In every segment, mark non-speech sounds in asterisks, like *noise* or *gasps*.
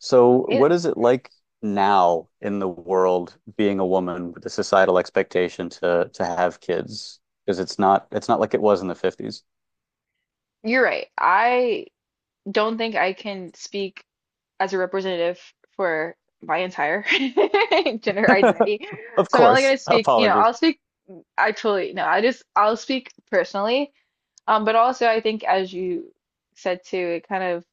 So, Hey, what is it like now in the world being a woman with the societal expectation to have kids? Because it's not like it was in the 50s. you're right. I don't think I can speak as a representative for my entire *laughs* gender *laughs* identity. Of So I'm only course. going to speak, Apologies. I'll speak actually, no, I just, I'll speak personally. But also I think as you said too, it kind of,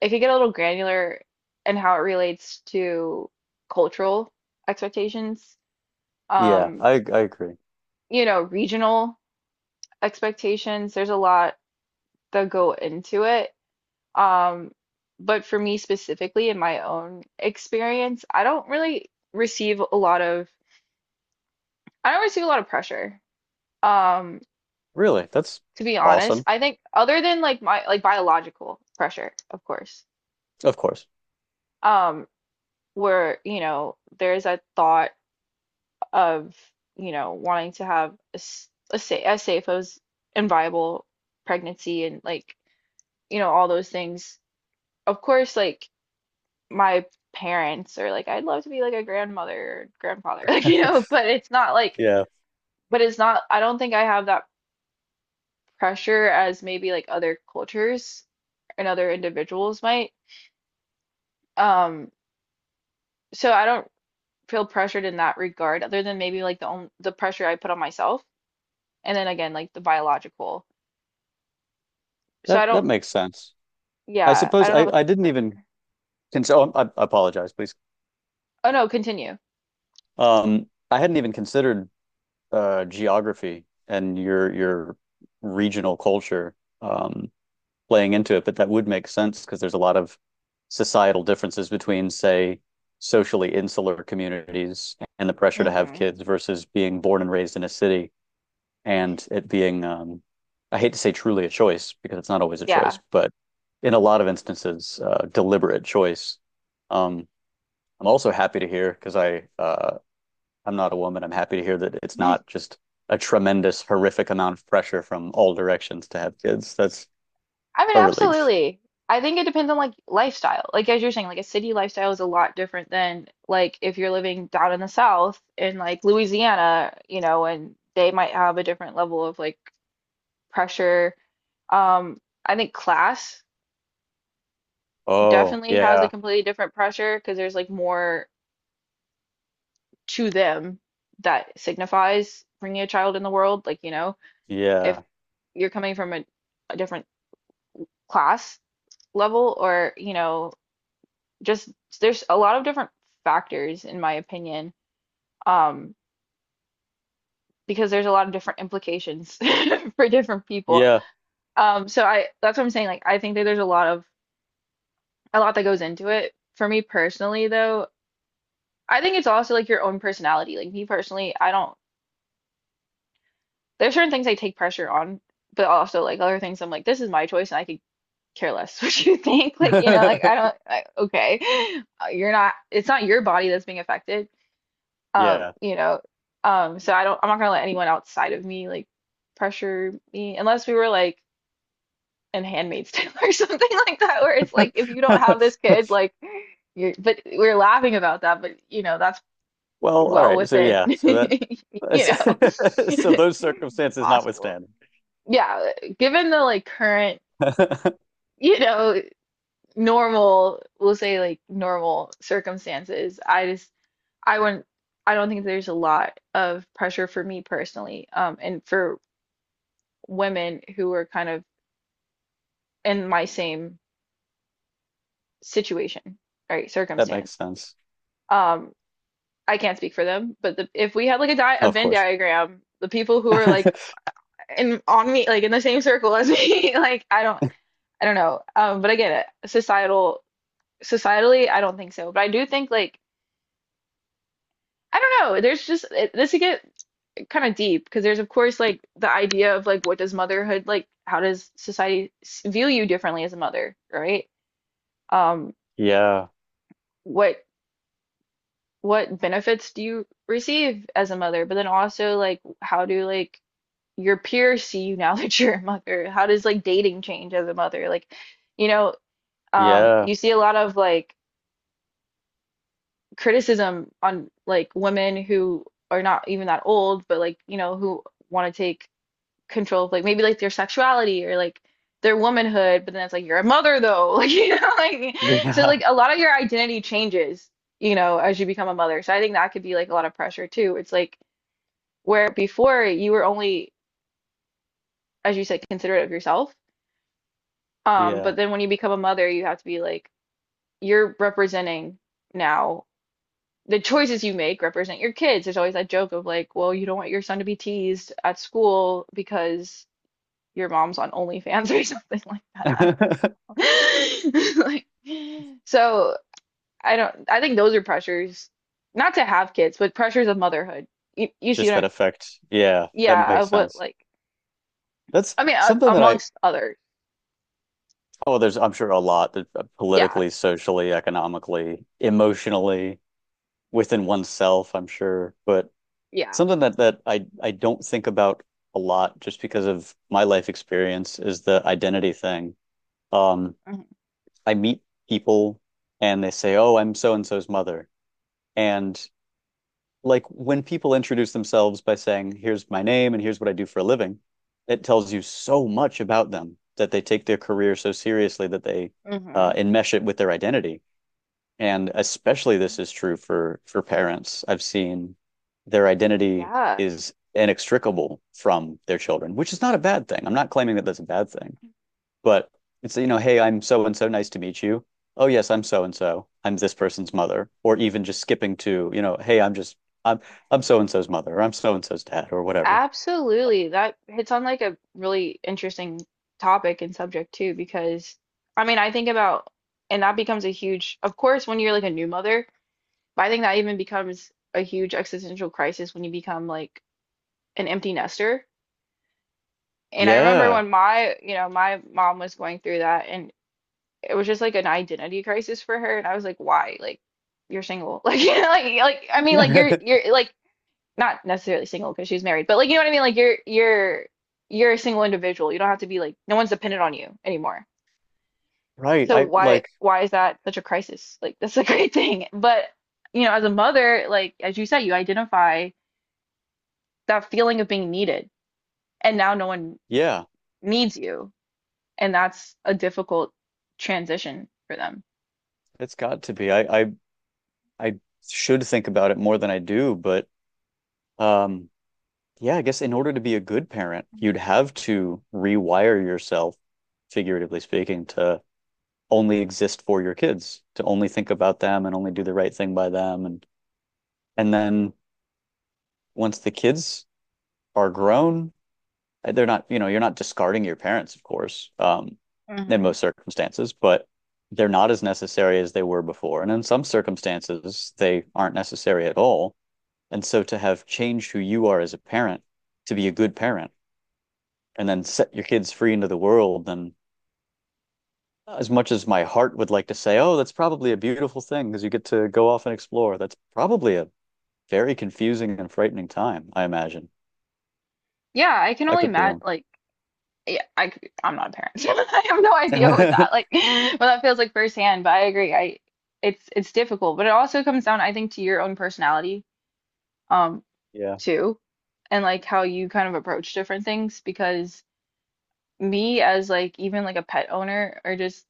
it could get a little granular in how it relates to cultural expectations, Yeah, um, I I agree. Regional expectations. There's a lot that go into it. Um, but for me specifically, in my own experience, I don't receive a lot of pressure. Um, Really, that's to be honest, awesome. I think other than like my like biological pressure, of course. Of course. Um, where, you know, there's a thought of, you know, wanting to have a, s- a sa a safe as and viable pregnancy and like, you know, all those things. Of course, like my parents or like I'd love to be like a grandmother or grandfather, *laughs* like you know, Yeah. but it's not I don't think I have that pressure as maybe like other cultures and other individuals might. Um, so I don't feel pressured in that regard other than maybe like the pressure I put on myself and then again like the biological. So I That don't makes sense. I yeah, I suppose don't I know if I didn't pressure. even consider I apologize, please. Oh no, continue. I hadn't even considered geography and your regional culture. Um Playing into it, but that would make sense because there's a lot of societal differences between, say, socially insular communities and the pressure to have Hmm. kids versus being born and raised in a city and it being, I hate to say truly a choice because it's not always a Yeah. choice, but in a lot of instances, deliberate choice. Um, I'm also happy to hear because I I'm not a woman. I'm happy to hear that it's *laughs* not just a tremendous, horrific amount of pressure from all directions to have kids. That's I mean, a relief. absolutely. I think it depends on like lifestyle. Like as you're saying, like a city lifestyle is a lot different than like if you're living down in the South in like Louisiana, you know, and they might have a different level of like pressure. Um, I think class Oh, definitely has a yeah. completely different pressure because there's like more to them that signifies bringing a child in the world. Like, you know, if Yeah. you're coming from a different class level or, you know, just there's a lot of different factors in my opinion, um because there's a lot of different implications *laughs* for different people. Yeah. Um so I that's what I'm saying, like I think that there's a lot of, a lot that goes into it for me personally though. I think it's also like your own personality, like me personally I don't, there's certain things I take pressure on, but also like other things I'm like this is my choice and I could care less *laughs* what you think. Like you know, like I *laughs* don't, like okay, you're not, it's not your body that's being affected. Um, Yeah. you know, so I don't, I'm not gonna let anyone outside of me like pressure me unless we were like in Handmaid's Tale *laughs* or something like that, where it's like if you don't have this kid, *laughs* like you're, but we're laughing about that, but you know, that's Well, all well right. So within, *laughs* yeah, so that you know, *laughs* so those *laughs* circumstances possible. notwithstanding. Yeah, given the like current, *laughs* you know, normal, we'll say like normal circumstances, I just I wouldn't, I don't think there's a lot of pressure for me personally, and for women who are kind of in my same situation, right, That makes circumstance. sense. Um, I can't speak for them, but the, if we had like a Of Venn course. diagram, the people who are like *laughs* in on me, like in the same circle as me, *laughs* like I don't know. But again, societal, societally, I don't think so. But I do think like I don't know. There's just it, this again. Kind of deep because there's of course like the idea of like what does motherhood like how does society view you differently as a mother, right? Um, Yeah. what what benefits do you receive as a mother? But then also like how do like your peers see you now *laughs* that you're a mother? How does like dating change as a mother? Like, you know, Yeah. you see a lot of like criticism on like women who are not even that old, but like, you know, who want to take control of like maybe like their sexuality or like their womanhood, but then it's like you're a mother though. *laughs* Like you know, like so Yeah. like a lot of your identity changes, you know, as you become a mother. So I think that could be like a lot of pressure too. It's like where before you were only, as you said, considerate of yourself. Yeah. But then when you become a mother, you have to be like you're representing now, the choices you make represent your kids. There's always that joke of like, well, you don't want your son to be teased at school because your mom's on OnlyFans *laughs* or something like that. *laughs* I *laughs* like, so I don't, I think those are pressures, not to have kids, but pressures of motherhood. You see Just what that I'm, effect. Yeah, that yeah, makes of what, sense. like, That's I mean, something that I amongst others. Oh, there's I'm sure a lot that Yeah, politically, socially, economically, emotionally, within oneself, I'm sure. But yeah. something that I don't think about a lot just because of my life experience is the identity thing. Um, Mm-hmm. I meet people and they say, "Oh, I'm so and so's mother." And like when people introduce themselves by saying, "Here's my name and here's what I do for a living," it tells you so much about them that they take their career so seriously that they Hmm. Enmesh it with their identity. And especially this is true for parents. I've seen their identity Yeah, is inextricable from their children, which is not a bad thing. I'm not claiming that that's a bad thing, but it's, you know, hey, I'm so and so, nice to meet you. Oh, yes, I'm so and so. I'm this person's mother, or even just skipping to, you know, hey, I'm just I'm I'm so and so's mother, or I'm so and so's dad, or whatever. absolutely. That hits on like a really interesting topic and subject too, because I mean, I think about, and that becomes a huge, of course, when you're like a new mother, but I think that even becomes a huge existential crisis when you become like an empty nester. And I remember Yeah. when my, you know, my mom was going through that and it was just like an identity crisis for her and I was like, "Why? Like you're single." *laughs* Like you know, like I mean like *laughs* you're like not necessarily single because she's married, but like you know what I mean? Like you're you're a single individual. You don't have to be like no one's dependent on you anymore. Right. So why is that such a crisis? Like that's a *laughs* great thing. But you know, as a mother, like as you said, you identify that feeling of being needed and now no one Yeah, needs you and that's a difficult transition for them. it's got to be. I should think about it more than I do, but um yeah, I guess in order to be a good parent, you'd have to rewire yourself, figuratively speaking, to only exist for your kids, to only think about them and only do the right thing by them. And then once the kids are grown, they're not, you know, you're not discarding your parents, of course, in Hmm. most circumstances, but they're not as necessary as they were before. And in some circumstances, they aren't necessary at all. And so to have changed who you are as a parent, to be a good parent, and then set your kids free into the world. And as much as my heart would like to say, oh, that's probably a beautiful thing because you get to go off and explore, that's probably a very confusing and frightening time, I imagine. Yeah, I can I only could be imagine. wrong. Like, yeah, I'm not a parent. *laughs* I have no *laughs* idea what that like, *laughs* what that feels like firsthand. But I agree. I it's difficult, but it also comes down, I think, to your own personality, um, Yeah. too, and like how you kind of approach different things. Because me, as like even like a pet owner, or just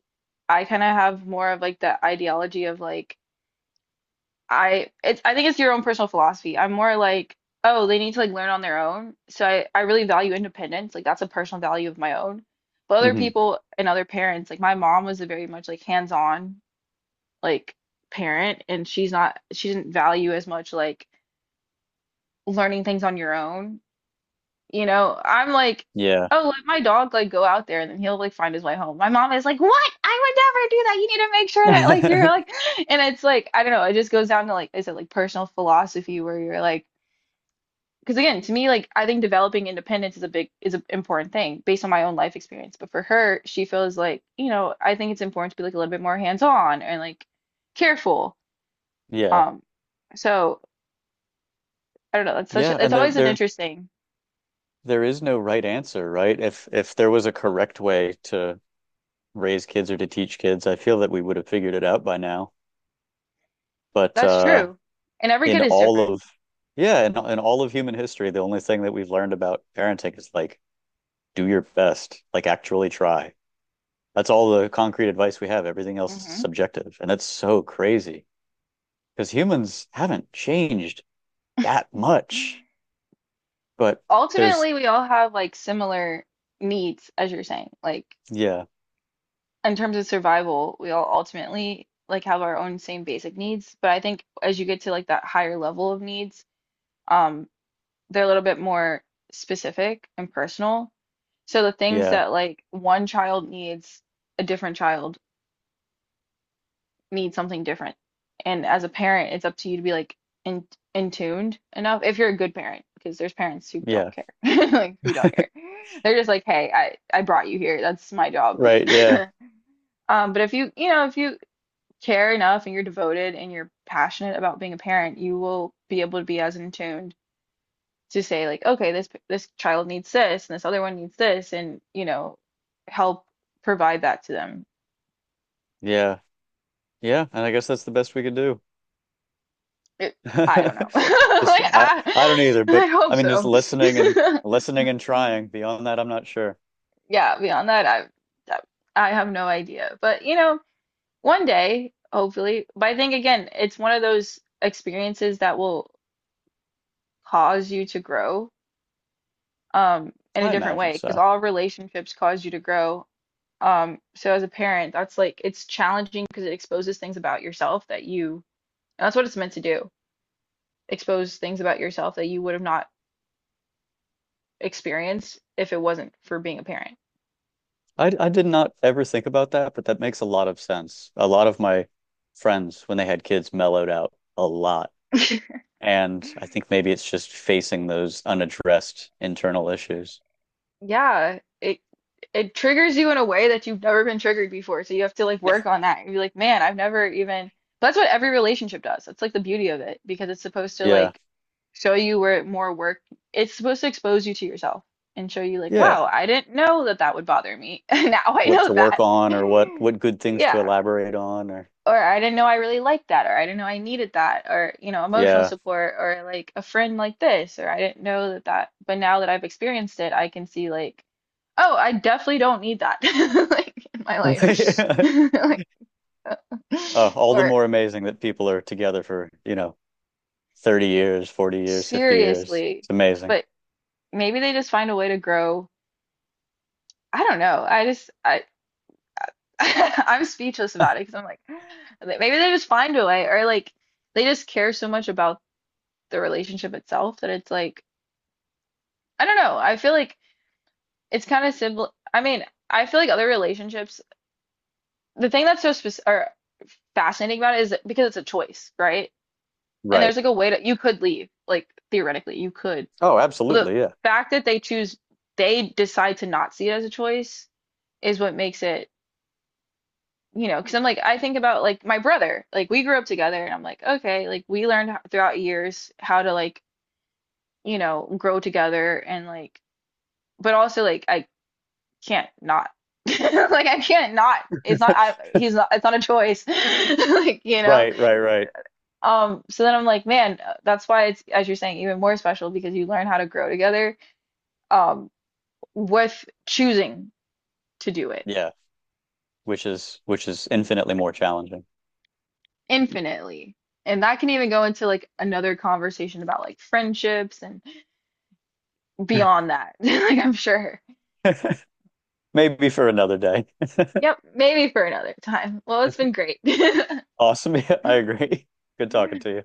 I kind of have more of like the ideology of like. I it's I think it's your own personal philosophy. I'm more like, oh, they need to like learn on their own. So I really value independence. Like that's a personal value of my own. But other Hmm. people and other parents, like my mom was a very much like hands-on like parent and she didn't value as much like learning things on your own. You know, I'm like, Yeah. oh, let my dog like go out there and then he'll like find his way home. My mom is like, what? I would never do that. You need to make sure that like you're *laughs* like, *gasps* and it's like, I don't know, it just goes down to like, is it like personal philosophy where you're like, because again, to me, like I think developing independence is a big is an important thing based on my own life experience. But for her, she feels like, you know, I think it's important to be like a little bit more hands-on and like careful. Yeah. Um, so I don't know, it's such Yeah. a, it's and there always an there interesting. there is no right answer, right? If there was a correct way to raise kids or to teach kids, I feel that we would have figured it out by now. But That's true. And every kid in is all different. of Yeah, in all of human history, the only thing that we've learned about parenting is like do your best, like actually try. That's all the concrete advice we have. Everything else is Hmm. subjective. And that's so crazy because humans haven't changed that much. But there's, Ultimately we all have like similar needs as you're saying like yeah, in terms of survival we all ultimately like have our own same basic needs but I think as you get to like that higher level of needs, um they're a little bit more specific and personal, so the things yeah, that like one child needs, a different child need something different. And as a parent, it's up to you to be like in in tuned enough if you're a good parent, because there's parents who don't yeah, care, *laughs* like who don't care. They're just like, hey, I brought you here. That's my job. right. Yeah, But if you you know if you care enough and you're devoted and you're passionate about being a parent, you will be able to be as in tuned to say like, okay, this child needs this and this other one needs this, and you know, help provide that to them. yeah, yeah. And I guess that's the best we could do. It, I don't know. *laughs* *laughs* Just, Like I, I don't either. But I hope I mean, just so. listening and *laughs* listening and trying. Beyond that, I'm not sure. Yeah, beyond that, I have no idea. But you know, one day, hopefully. But I think again, it's one of those experiences that will cause you to grow in a I different imagine way because so. all relationships cause you to grow. So as a parent, that's like it's challenging because it exposes things about yourself that you, and that's what it's meant to do, expose things about yourself that you would have not experienced if it wasn't for being a parent. I did not ever think about that, but that makes a lot of sense. A lot of my friends, when they had kids, mellowed out a lot. *laughs* And I think maybe it's just facing those unaddressed internal issues. Yeah, it triggers you in a way that you've never been triggered before. So you have to like work on that. And be like, man, I've never even. That's what every relationship does. That's like the beauty of it because it's supposed to Yeah. like show you where more work. It's supposed to expose you to yourself and show you like, Yeah. wow, I didn't know that that would bother me. *laughs* And now I What know to work that. on or *laughs* what good things to Yeah. elaborate on or Or I didn't know I really liked that, or I didn't know I needed that, or you know, emotional yeah. support, or like a friend like this, or I didn't know that that. But now that I've experienced it, I can see like, oh, I definitely don't need that, *laughs* like in my life, *laughs* *laughs* like, all the or more amazing that people are together for, you know, 30 years, 40 years, 50 years. seriously. It's amazing. But maybe they just find a way to grow. I don't know. I just I *laughs* I'm speechless about it because I'm like, maybe they just find a way, or like they just care so much about the relationship itself that it's like. I don't know. I feel like it's kind of simple. I mean, I feel like other relationships, the thing that's so specific or fascinating about it is that- because it's a choice, right? And Right. there's like a way to you could leave, like theoretically you could. Oh, But absolutely. the Yeah. fact that they choose, they decide to not see it as a choice is what makes it, you know, because I'm like, I think about like my brother, like we grew up together and I'm like, okay, like we learned throughout years how to like, you know, grow together and like, but also like I can't not. *laughs* Like I can't not. It's not I *laughs* he's not it's not a choice. *laughs* Like, you know. Right, right, right. So then I'm like, man, that's why it's as you're saying even more special because you learn how to grow together um with choosing to do it Yeah, which is infinitely more challenging. infinitely. And that can even go into like another conversation about like friendships and beyond that. *laughs* Like I'm sure. *laughs* Maybe for another day. *laughs* Yep, maybe for another time. Well, it's been great. Awesome. Yeah, I *laughs* agree. Good talking to you.